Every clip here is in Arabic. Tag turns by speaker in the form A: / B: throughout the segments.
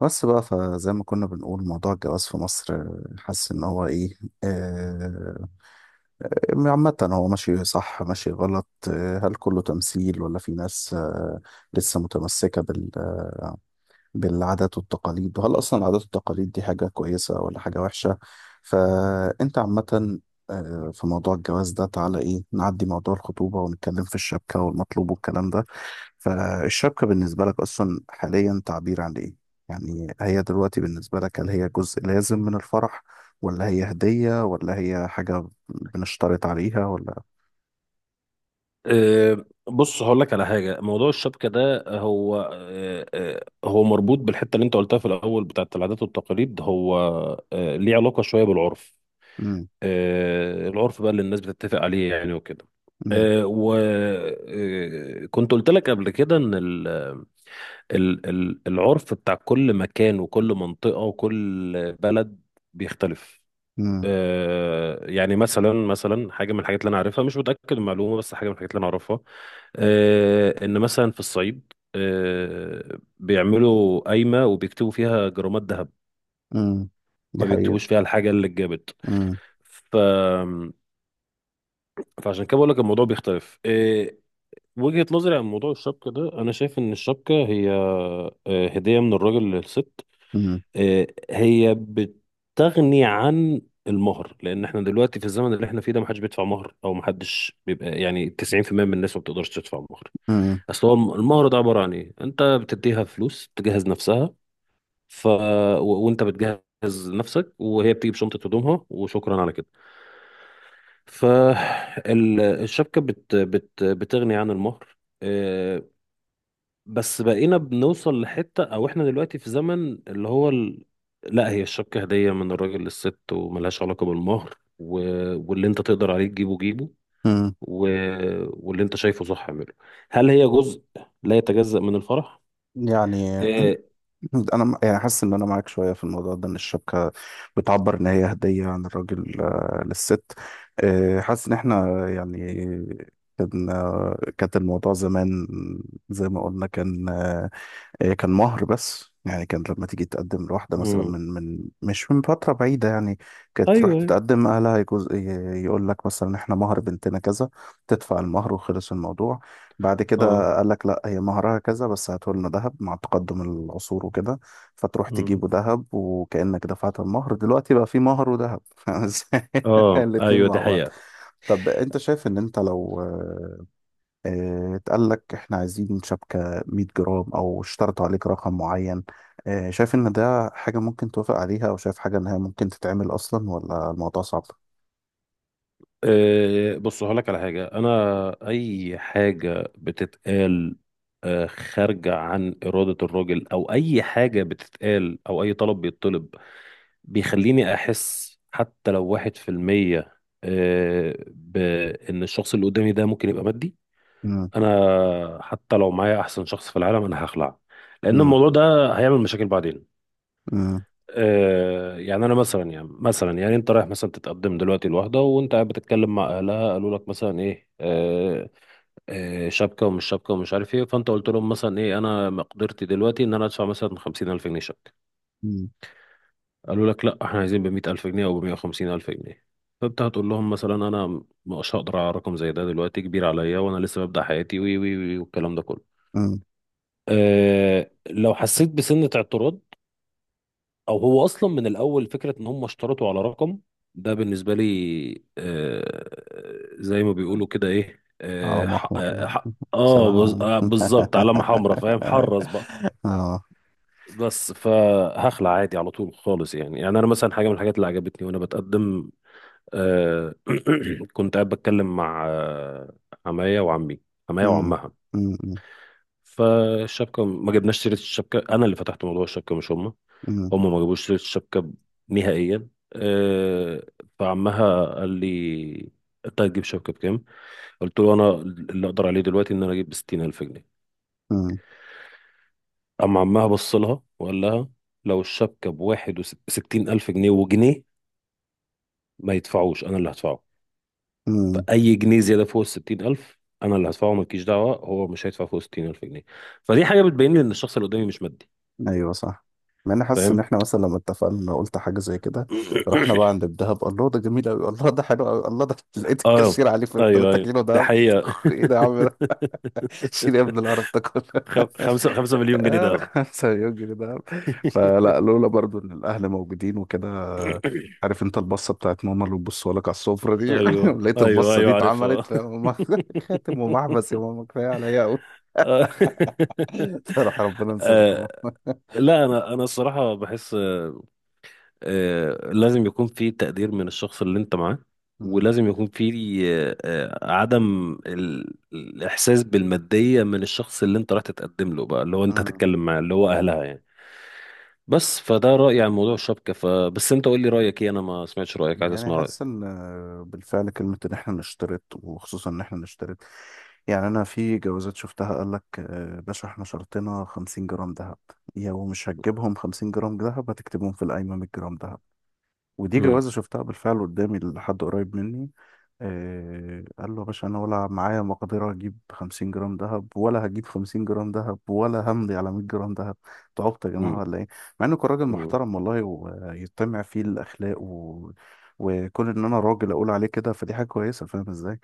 A: بس بقى فزي ما كنا بنقول موضوع الجواز في مصر، حاسس ان هو ايه. آه، عامة هو ماشي صح ماشي غلط، هل كله تمثيل ولا في ناس لسه متمسكة بالعادات والتقاليد؟ وهل أصلا العادات والتقاليد دي حاجة كويسة ولا حاجة وحشة؟ فأنت عامة في موضوع الجواز ده، تعالى ايه نعدي موضوع الخطوبة ونتكلم في الشبكة والمطلوب والكلام ده. فالشبكة بالنسبة لك أصلا حاليا تعبير عن إيه؟ يعني هي دلوقتي بالنسبة لك، هل هي جزء لازم من الفرح، ولا هي هدية، ولا هي حاجة بنشترط عليها ولا؟
B: بص هقول لك على حاجه، موضوع الشبكه ده هو أه، أه، هو مربوط بالحته اللي انت قلتها في الاول بتاعت العادات والتقاليد، هو ليه علاقه شويه بالعرف.
A: مم.
B: العرف بقى اللي الناس بتتفق عليه يعني وكده.
A: مم.
B: وكنت قلت لك قبل كده ان العرف بتاع كل مكان وكل منطقه وكل بلد بيختلف.
A: مم.
B: يعني مثلا حاجه من الحاجات اللي انا عارفها، مش متاكد من المعلومه بس حاجه من الحاجات اللي انا اعرفها، ان مثلا في الصعيد بيعملوا قايمه وبيكتبوا فيها جرامات ذهب،
A: مم. دي
B: ما
A: حقيقة.
B: بيكتبوش فيها الحاجه اللي اتجابت.
A: مم.
B: ف فعشان كده بقول لك الموضوع بيختلف. وجهه نظري عن موضوع الشبكه ده، انا شايف ان الشبكه هي هديه من الراجل للست.
A: مم.
B: هي بتغني عن المهر، لان احنا دلوقتي في الزمن اللي احنا فيه ده محدش بيدفع مهر او محدش بيبقى يعني 90% من الناس ما بتقدرش تدفع مهر.
A: مم.
B: اصل هو المعرض عباره عن ايه، انت بتديها فلوس تجهز نفسها. ف وانت بتجهز نفسك وهي بتيجي بشنطه هدومها وشكرا على كده. فالشبكه بتغني عن المهر. بس بقينا بنوصل لحته، او احنا دلوقتي في زمن اللي هو لا، هي الشبكه هديه من الراجل للست وملهاش علاقه بالمهر. واللي انت تقدر عليه تجيبه جيبه.
A: مم.
B: و... واللي انت شايفه صح اعمله. هل هي جزء لا يتجزأ من الفرح؟
A: يعني
B: آه،
A: انا يعني حاسس ان انا معاك شويه في الموضوع ده، ان الشبكه بتعبر ان هي هديه عن الراجل للست. حاسس ان احنا يعني كانت الموضوع زمان، زي ما قلنا، كان آه، إيه، كان مهر. بس يعني كان لما تيجي تقدم لواحدة مثلا،
B: مم.
A: من من مش من فترة بعيدة يعني، كانت
B: ايوه،
A: تروح
B: أيوة.
A: تتقدم أهلها يجوز، يقول لك مثلا إحنا مهر بنتنا كذا، تدفع المهر وخلص الموضوع. بعد
B: اه،
A: كده قال لك لا، هي مهرها كذا بس هاته لنا ذهب، مع تقدم العصور وكده. فتروح
B: مم.
A: تجيبه ذهب وكأنك دفعت المهر. دلوقتي بقى في مهر وذهب فاهم إزاي؟
B: اه
A: الاتنين
B: ايوه دي
A: مع بعض.
B: حقيقة.
A: طب أنت شايف إن أنت لو اتقال لك احنا عايزين شبكة 100 جرام او اشترطوا عليك رقم معين، شايف ان ده حاجة ممكن توافق عليها، او شايف حاجة ان هي ممكن تتعمل اصلا ولا الموضوع صعب؟
B: أه بص هقولك على حاجة، انا اي حاجة بتتقال، أه خارجة عن إرادة الراجل، او اي حاجة بتتقال، او اي طلب بيطلب، بيخليني احس حتى لو 1%، أه، بان الشخص اللي قدامي ده ممكن يبقى مادي.
A: امم.
B: انا حتى لو معايا احسن شخص في العالم انا هخلع، لان
A: امم.
B: الموضوع ده هيعمل مشاكل بعدين.
A: امم.
B: يعني انا مثلا، يعني انت رايح مثلا تتقدم دلوقتي لواحده وانت قاعد بتتكلم مع اهلها، قالوا لك مثلا ايه شبكه ومش شبكه ومش عارف ايه، فانت قلت لهم مثلا ايه، انا مقدرتي دلوقتي ان انا ادفع مثلا 50000 جنيه شبكه، قالوا لك لا احنا عايزين ب 100000 جنيه او ب 150000 جنيه، فانت هتقول لهم مثلا انا مش هقدر على رقم زي ده، دلوقتي كبير عليا وانا لسه ببدا حياتي وي وي وي والكلام ده كله.
A: امم.
B: أه لو حسيت بسنة اعتراض، او هو اصلا من الاول فكره ان هم اشترطوا على رقم، ده بالنسبه لي آه، زي ما بيقولوا كده ايه
A: اه محمر. بصراحة
B: بالظبط علامه حمراء، فاهم، حرص بقى.
A: اه.
B: بس فهخلع عادي على طول خالص يعني. يعني انا مثلا حاجه من الحاجات اللي عجبتني وانا بتقدم، آه كنت قاعد بتكلم مع عمايا وعمي عمايا
A: امم.
B: وعمها.
A: امم.
B: فالشبكة ما جبناش سيرة الشبكة، أنا اللي فتحت موضوع الشبكة مش هما،
A: امم.
B: هما ما جابوش سيرة الشبكة نهائيا أه. فعمها قال لي أنت هتجيب شبكة بكام؟ قلت له أنا اللي أقدر عليه دلوقتي إن أنا أجيب ب60000 جنيه. أما عمها بص لها وقال لها لو الشبكة ب61000 جنيه وجنيه ما يدفعوش أنا اللي هدفعه.
A: امم.
B: فأي جنيه زيادة فوق ال60000 أنا اللي هدفعه، مالكيش دعوة، هو مش هيدفع فوق 60000 جنيه. فدي حاجة بتبين لي إن الشخص اللي قدامي مش مادي،
A: ايوه صح. مع اني حاسس ان
B: فاهم؟
A: احنا مثلا لما اتفقنا قلت حاجه زي كده، رحنا بقى عند الدهب، الله ده جميل قوي، الله ده حلو قوي، الله ده لقيت
B: اه
A: الكاشير عليه في
B: ايوه
A: 3
B: ايوه
A: كيلو
B: ده
A: دهب
B: حقيقة.
A: ايه ده يا عم ده؟ شيل يا ابن القرف ده كله
B: خمسة مليون جنيه دهب.
A: 5 مليون جنيه دهب. فلا، لولا برضو ان الاهل موجودين وكده، عارف انت البصه بتاعت ماما اللي بتبصوا لك على السفره دي
B: ايوه
A: لقيت
B: ايوه
A: البصه دي
B: ايوه
A: اتعملت
B: عارفها.
A: فماما خاتم ومحبس يا ماما كفايه عليا قوي
B: آه،
A: صراحه ربنا ينصرك يا
B: آه،
A: ماما.
B: لا، انا الصراحة بحس، لازم يكون في تقدير من الشخص اللي انت معاه، ولازم يكون في عدم الاحساس بالمادية من الشخص اللي انت راح تتقدم له بقى، اللي هو انت
A: مم.
B: هتتكلم معاه اللي هو اهلها يعني. بس فده رأيي عن موضوع الشبكة، فبس انت قول لي رأيك ايه، انا ما سمعتش رأيك، عايز
A: يعني
B: اسمع رأيك.
A: حاسس ان بالفعل كلمة ان احنا نشترط، وخصوصا ان احنا نشترط، يعني انا في جوازات شفتها، قال لك باشا احنا شرطنا 50 جرام ذهب، يا ومش هتجيبهم 50 جرام ذهب، هتكتبهم في القايمة 100 جرام ذهب. ودي
B: امم
A: جوازة شفتها بالفعل قدامي لحد قريب مني. قال له يا باشا أنا ولا معايا مقدرة أجيب 50 جرام دهب، ولا هجيب 50 جرام دهب، ولا همضي على 100 جرام دهب. أنتوا عبط يا جماعة
B: امم
A: ولا إيه؟ مع إنه كان راجل
B: امم
A: محترم والله ويتمع فيه الأخلاق وكون إن أنا راجل أقول عليه كده، فدي حاجة كويسة، فاهم إزاي؟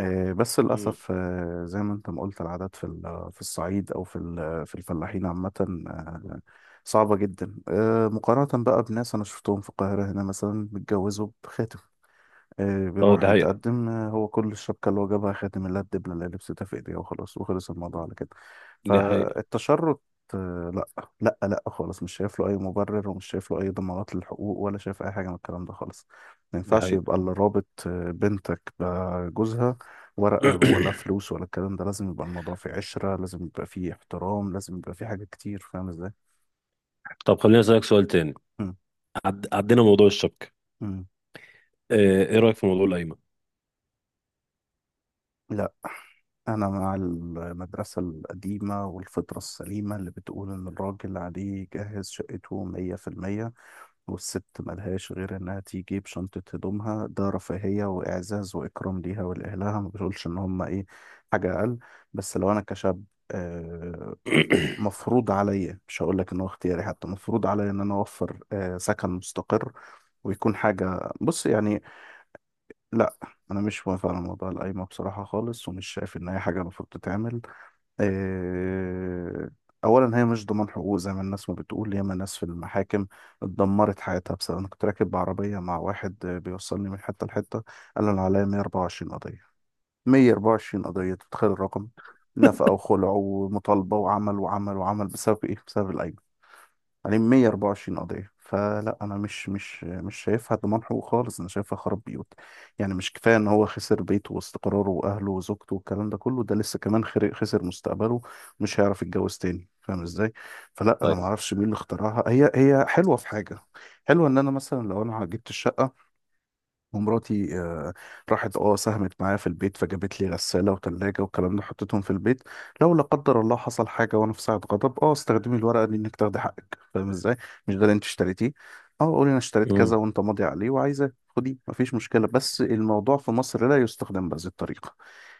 A: بس
B: امم.
A: للأسف زي ما أنت ما قلت، العادات في الصعيد أو في الفلاحين عامة آه، صعبة جدا، مقارنة بقى بناس أنا شفتهم في القاهرة هنا مثلا متجوزوا بخاتم.
B: اه
A: بيروح
B: ده حقيقة.
A: يتقدم هو كل الشبكة اللي هو جابها خاتم الله، الدبلة اللي لبستها في ايديها، وخلاص وخلص الموضوع على كده.
B: ده حقيقة.
A: فالتشرط لا لا لا خالص، مش شايف له اي مبرر، ومش شايف له اي ضمانات للحقوق، ولا شايف اي حاجة من الكلام ده خالص. ما
B: ده
A: ينفعش
B: حقيقة.
A: يبقى اللي رابط بنتك بجوزها ورقة ولا فلوس ولا الكلام ده. لازم يبقى الموضوع فيه عشرة، لازم يبقى فيه احترام، لازم يبقى فيه حاجات كتير، فاهم ازاي؟
B: طب خليني اسألك سؤال تاني.
A: مم.
B: عدينا موضوع الشبكة.
A: مم.
B: اه، ايه رأيك في موضوع القايمة؟
A: لا، أنا مع المدرسة القديمة والفطرة السليمة اللي بتقول إن الراجل عليه يجهز شقته 100%، والست ملهاش غير إنها تيجي بشنطة هدومها، ده رفاهية وإعزاز وإكرام ليها ولأهلها، ما بقولش إن هما إيه حاجة أقل. بس لو أنا كشاب، آه، مفروض عليا، مش هقول لك إن هو اختياري، حتى مفروض عليا إن أنا أوفر سكن مستقر، ويكون حاجة بص يعني. لا، أنا مش موافق على موضوع القايمة بصراحة خالص، ومش شايف إن هي حاجة المفروض تتعمل. آه، اولا هي مش ضمان حقوق، زي ما الناس ما بتقول. ياما ناس في المحاكم اتدمرت حياتها بسبب، انا كنت راكب بعربيه مع واحد بيوصلني من حته لحته، قال انا عليا 124 قضيه. 124 قضيه، تتخيل الرقم؟ نفقه وخلع ومطالبه وعمل وعمل وعمل، بسبب ايه؟ بسبب الايام، عليهم 124 قضية. فلا، أنا مش شايفها ضمان حقوق خالص، أنا شايفها خراب بيوت. يعني مش كفاية إن هو خسر بيته واستقراره وأهله وزوجته والكلام ده كله، ده لسه كمان خسر مستقبله، مش هيعرف يتجوز تاني، فاهم إزاي؟ فلا، أنا
B: طيب.
A: معرفش مين اللي اخترعها. هي حلوة في حاجة، حلوة إن أنا مثلا لو أنا جبت الشقة ومراتي راحت ساهمت معايا في البيت، فجابت لي غسالة وتلاجة والكلام ده، حطيتهم في البيت، لو لا قدر الله حصل حاجة وانا في ساعة غضب، استخدمي الورقة دي انك تاخدي حقك، فاهم ازاي؟ مش ده اللي انت اشتريتيه؟ اه قولي انا اشتريت كذا
B: امم.
A: وانت ماضي عليه وعايزة خديه، مفيش مشكلة. بس الموضوع في مصر لا يستخدم بهذه الطريقة.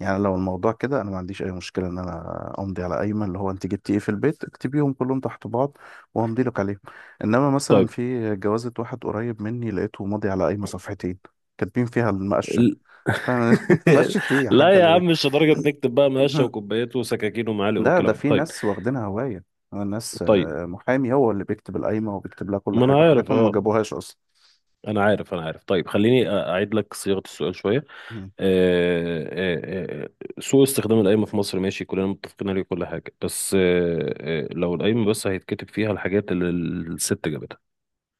A: يعني لو الموضوع كده، انا ما عنديش اي مشكله ان انا امضي على قايمه اللي هو انت جبتي ايه في البيت، اكتبيهم كلهم تحت بعض وهمضي لك عليهم. انما مثلا
B: طيب.
A: في جوازه واحد قريب مني لقيته ماضي على قايمه صفحتين كاتبين فيها المقشه.
B: ال-
A: فانا مقشه ايه يا
B: لا
A: حاجه
B: يا
A: اللي.
B: عم مش لدرجة نكتب بقى مقاشة وكوبايات وسكاكين ومعالق
A: ده ده
B: والكلام ده،
A: في
B: طيب.
A: ناس واخدينها هوايه، ناس
B: طيب
A: محامي هو اللي بيكتب القايمه وبيكتب لها كل
B: ما انا
A: حاجه،
B: عارف
A: وحاجاتهم ما
B: اه،
A: جابوهاش اصلا.
B: انا عارف، طيب خليني اعيد لك صياغة السؤال شوية.
A: مم.
B: آه، آه، آه، سوء استخدام القايمة في مصر ماشي، كلنا متفقين عليه كل حاجة، بس لو القايمة بس هيتكتب فيها الحاجات اللي الست جابتها،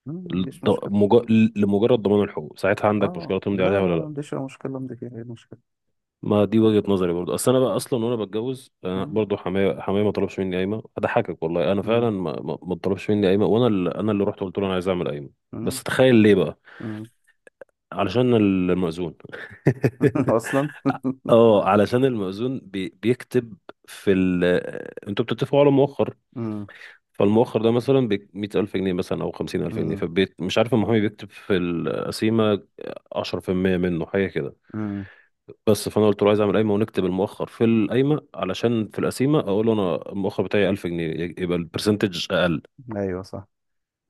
A: مم، مفيش
B: الض-
A: مشكله.
B: مج- لمجرد ضمان الحقوق، ساعتها عندك
A: اه
B: مشكلة تمضي
A: لا
B: عليها ولا
A: لا، ما
B: لا؟
A: عنديش اي مشكله، ما عنديش اي مشكله.
B: ما دي وجهة نظري برضه. اصل انا بقى اصلا وانا بتجوز، انا
A: مم.
B: برضه حماية ما طلبش مني قايمة، اضحكك والله انا
A: مم.
B: فعلا ما طلبش مني قايمة، وانا اللي انا اللي رحت قلت له انا عايز اعمل قايمة.
A: مم.
B: بس تخيل ليه بقى؟
A: مم.
B: علشان المأذون.
A: اصلا
B: اه علشان المأذون بيكتب في انتوا بتتفقوا على مؤخر.
A: امم.
B: فالمؤخر ده مثلا ب100000 جنيه مثلا، أو 50000 جنيه،
A: امم.
B: فمش عارف المحامي بيكتب في القسيمة 10% منه، حاجة كده.
A: امم.
B: بس فأنا قلت له عايز أعمل قايمة ونكتب المؤخر في القايمة علشان في القسيمة أقول له أنا المؤخر بتاعي 1000 جنيه يبقى البرسنتج أقل.
A: ايوه صح.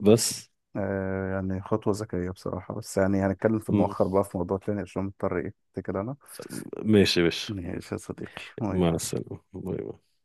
B: بس
A: يعني خطوه ذكيه بصراحه، بس يعني هنتكلم في
B: م-
A: المؤخر بقى في موضوع تاني، عشان مضطر ايه كده انا.
B: ماشي يا باشا.
A: ماشي يا صديقي، باي
B: مع
A: باي.
B: السلامة باي باي.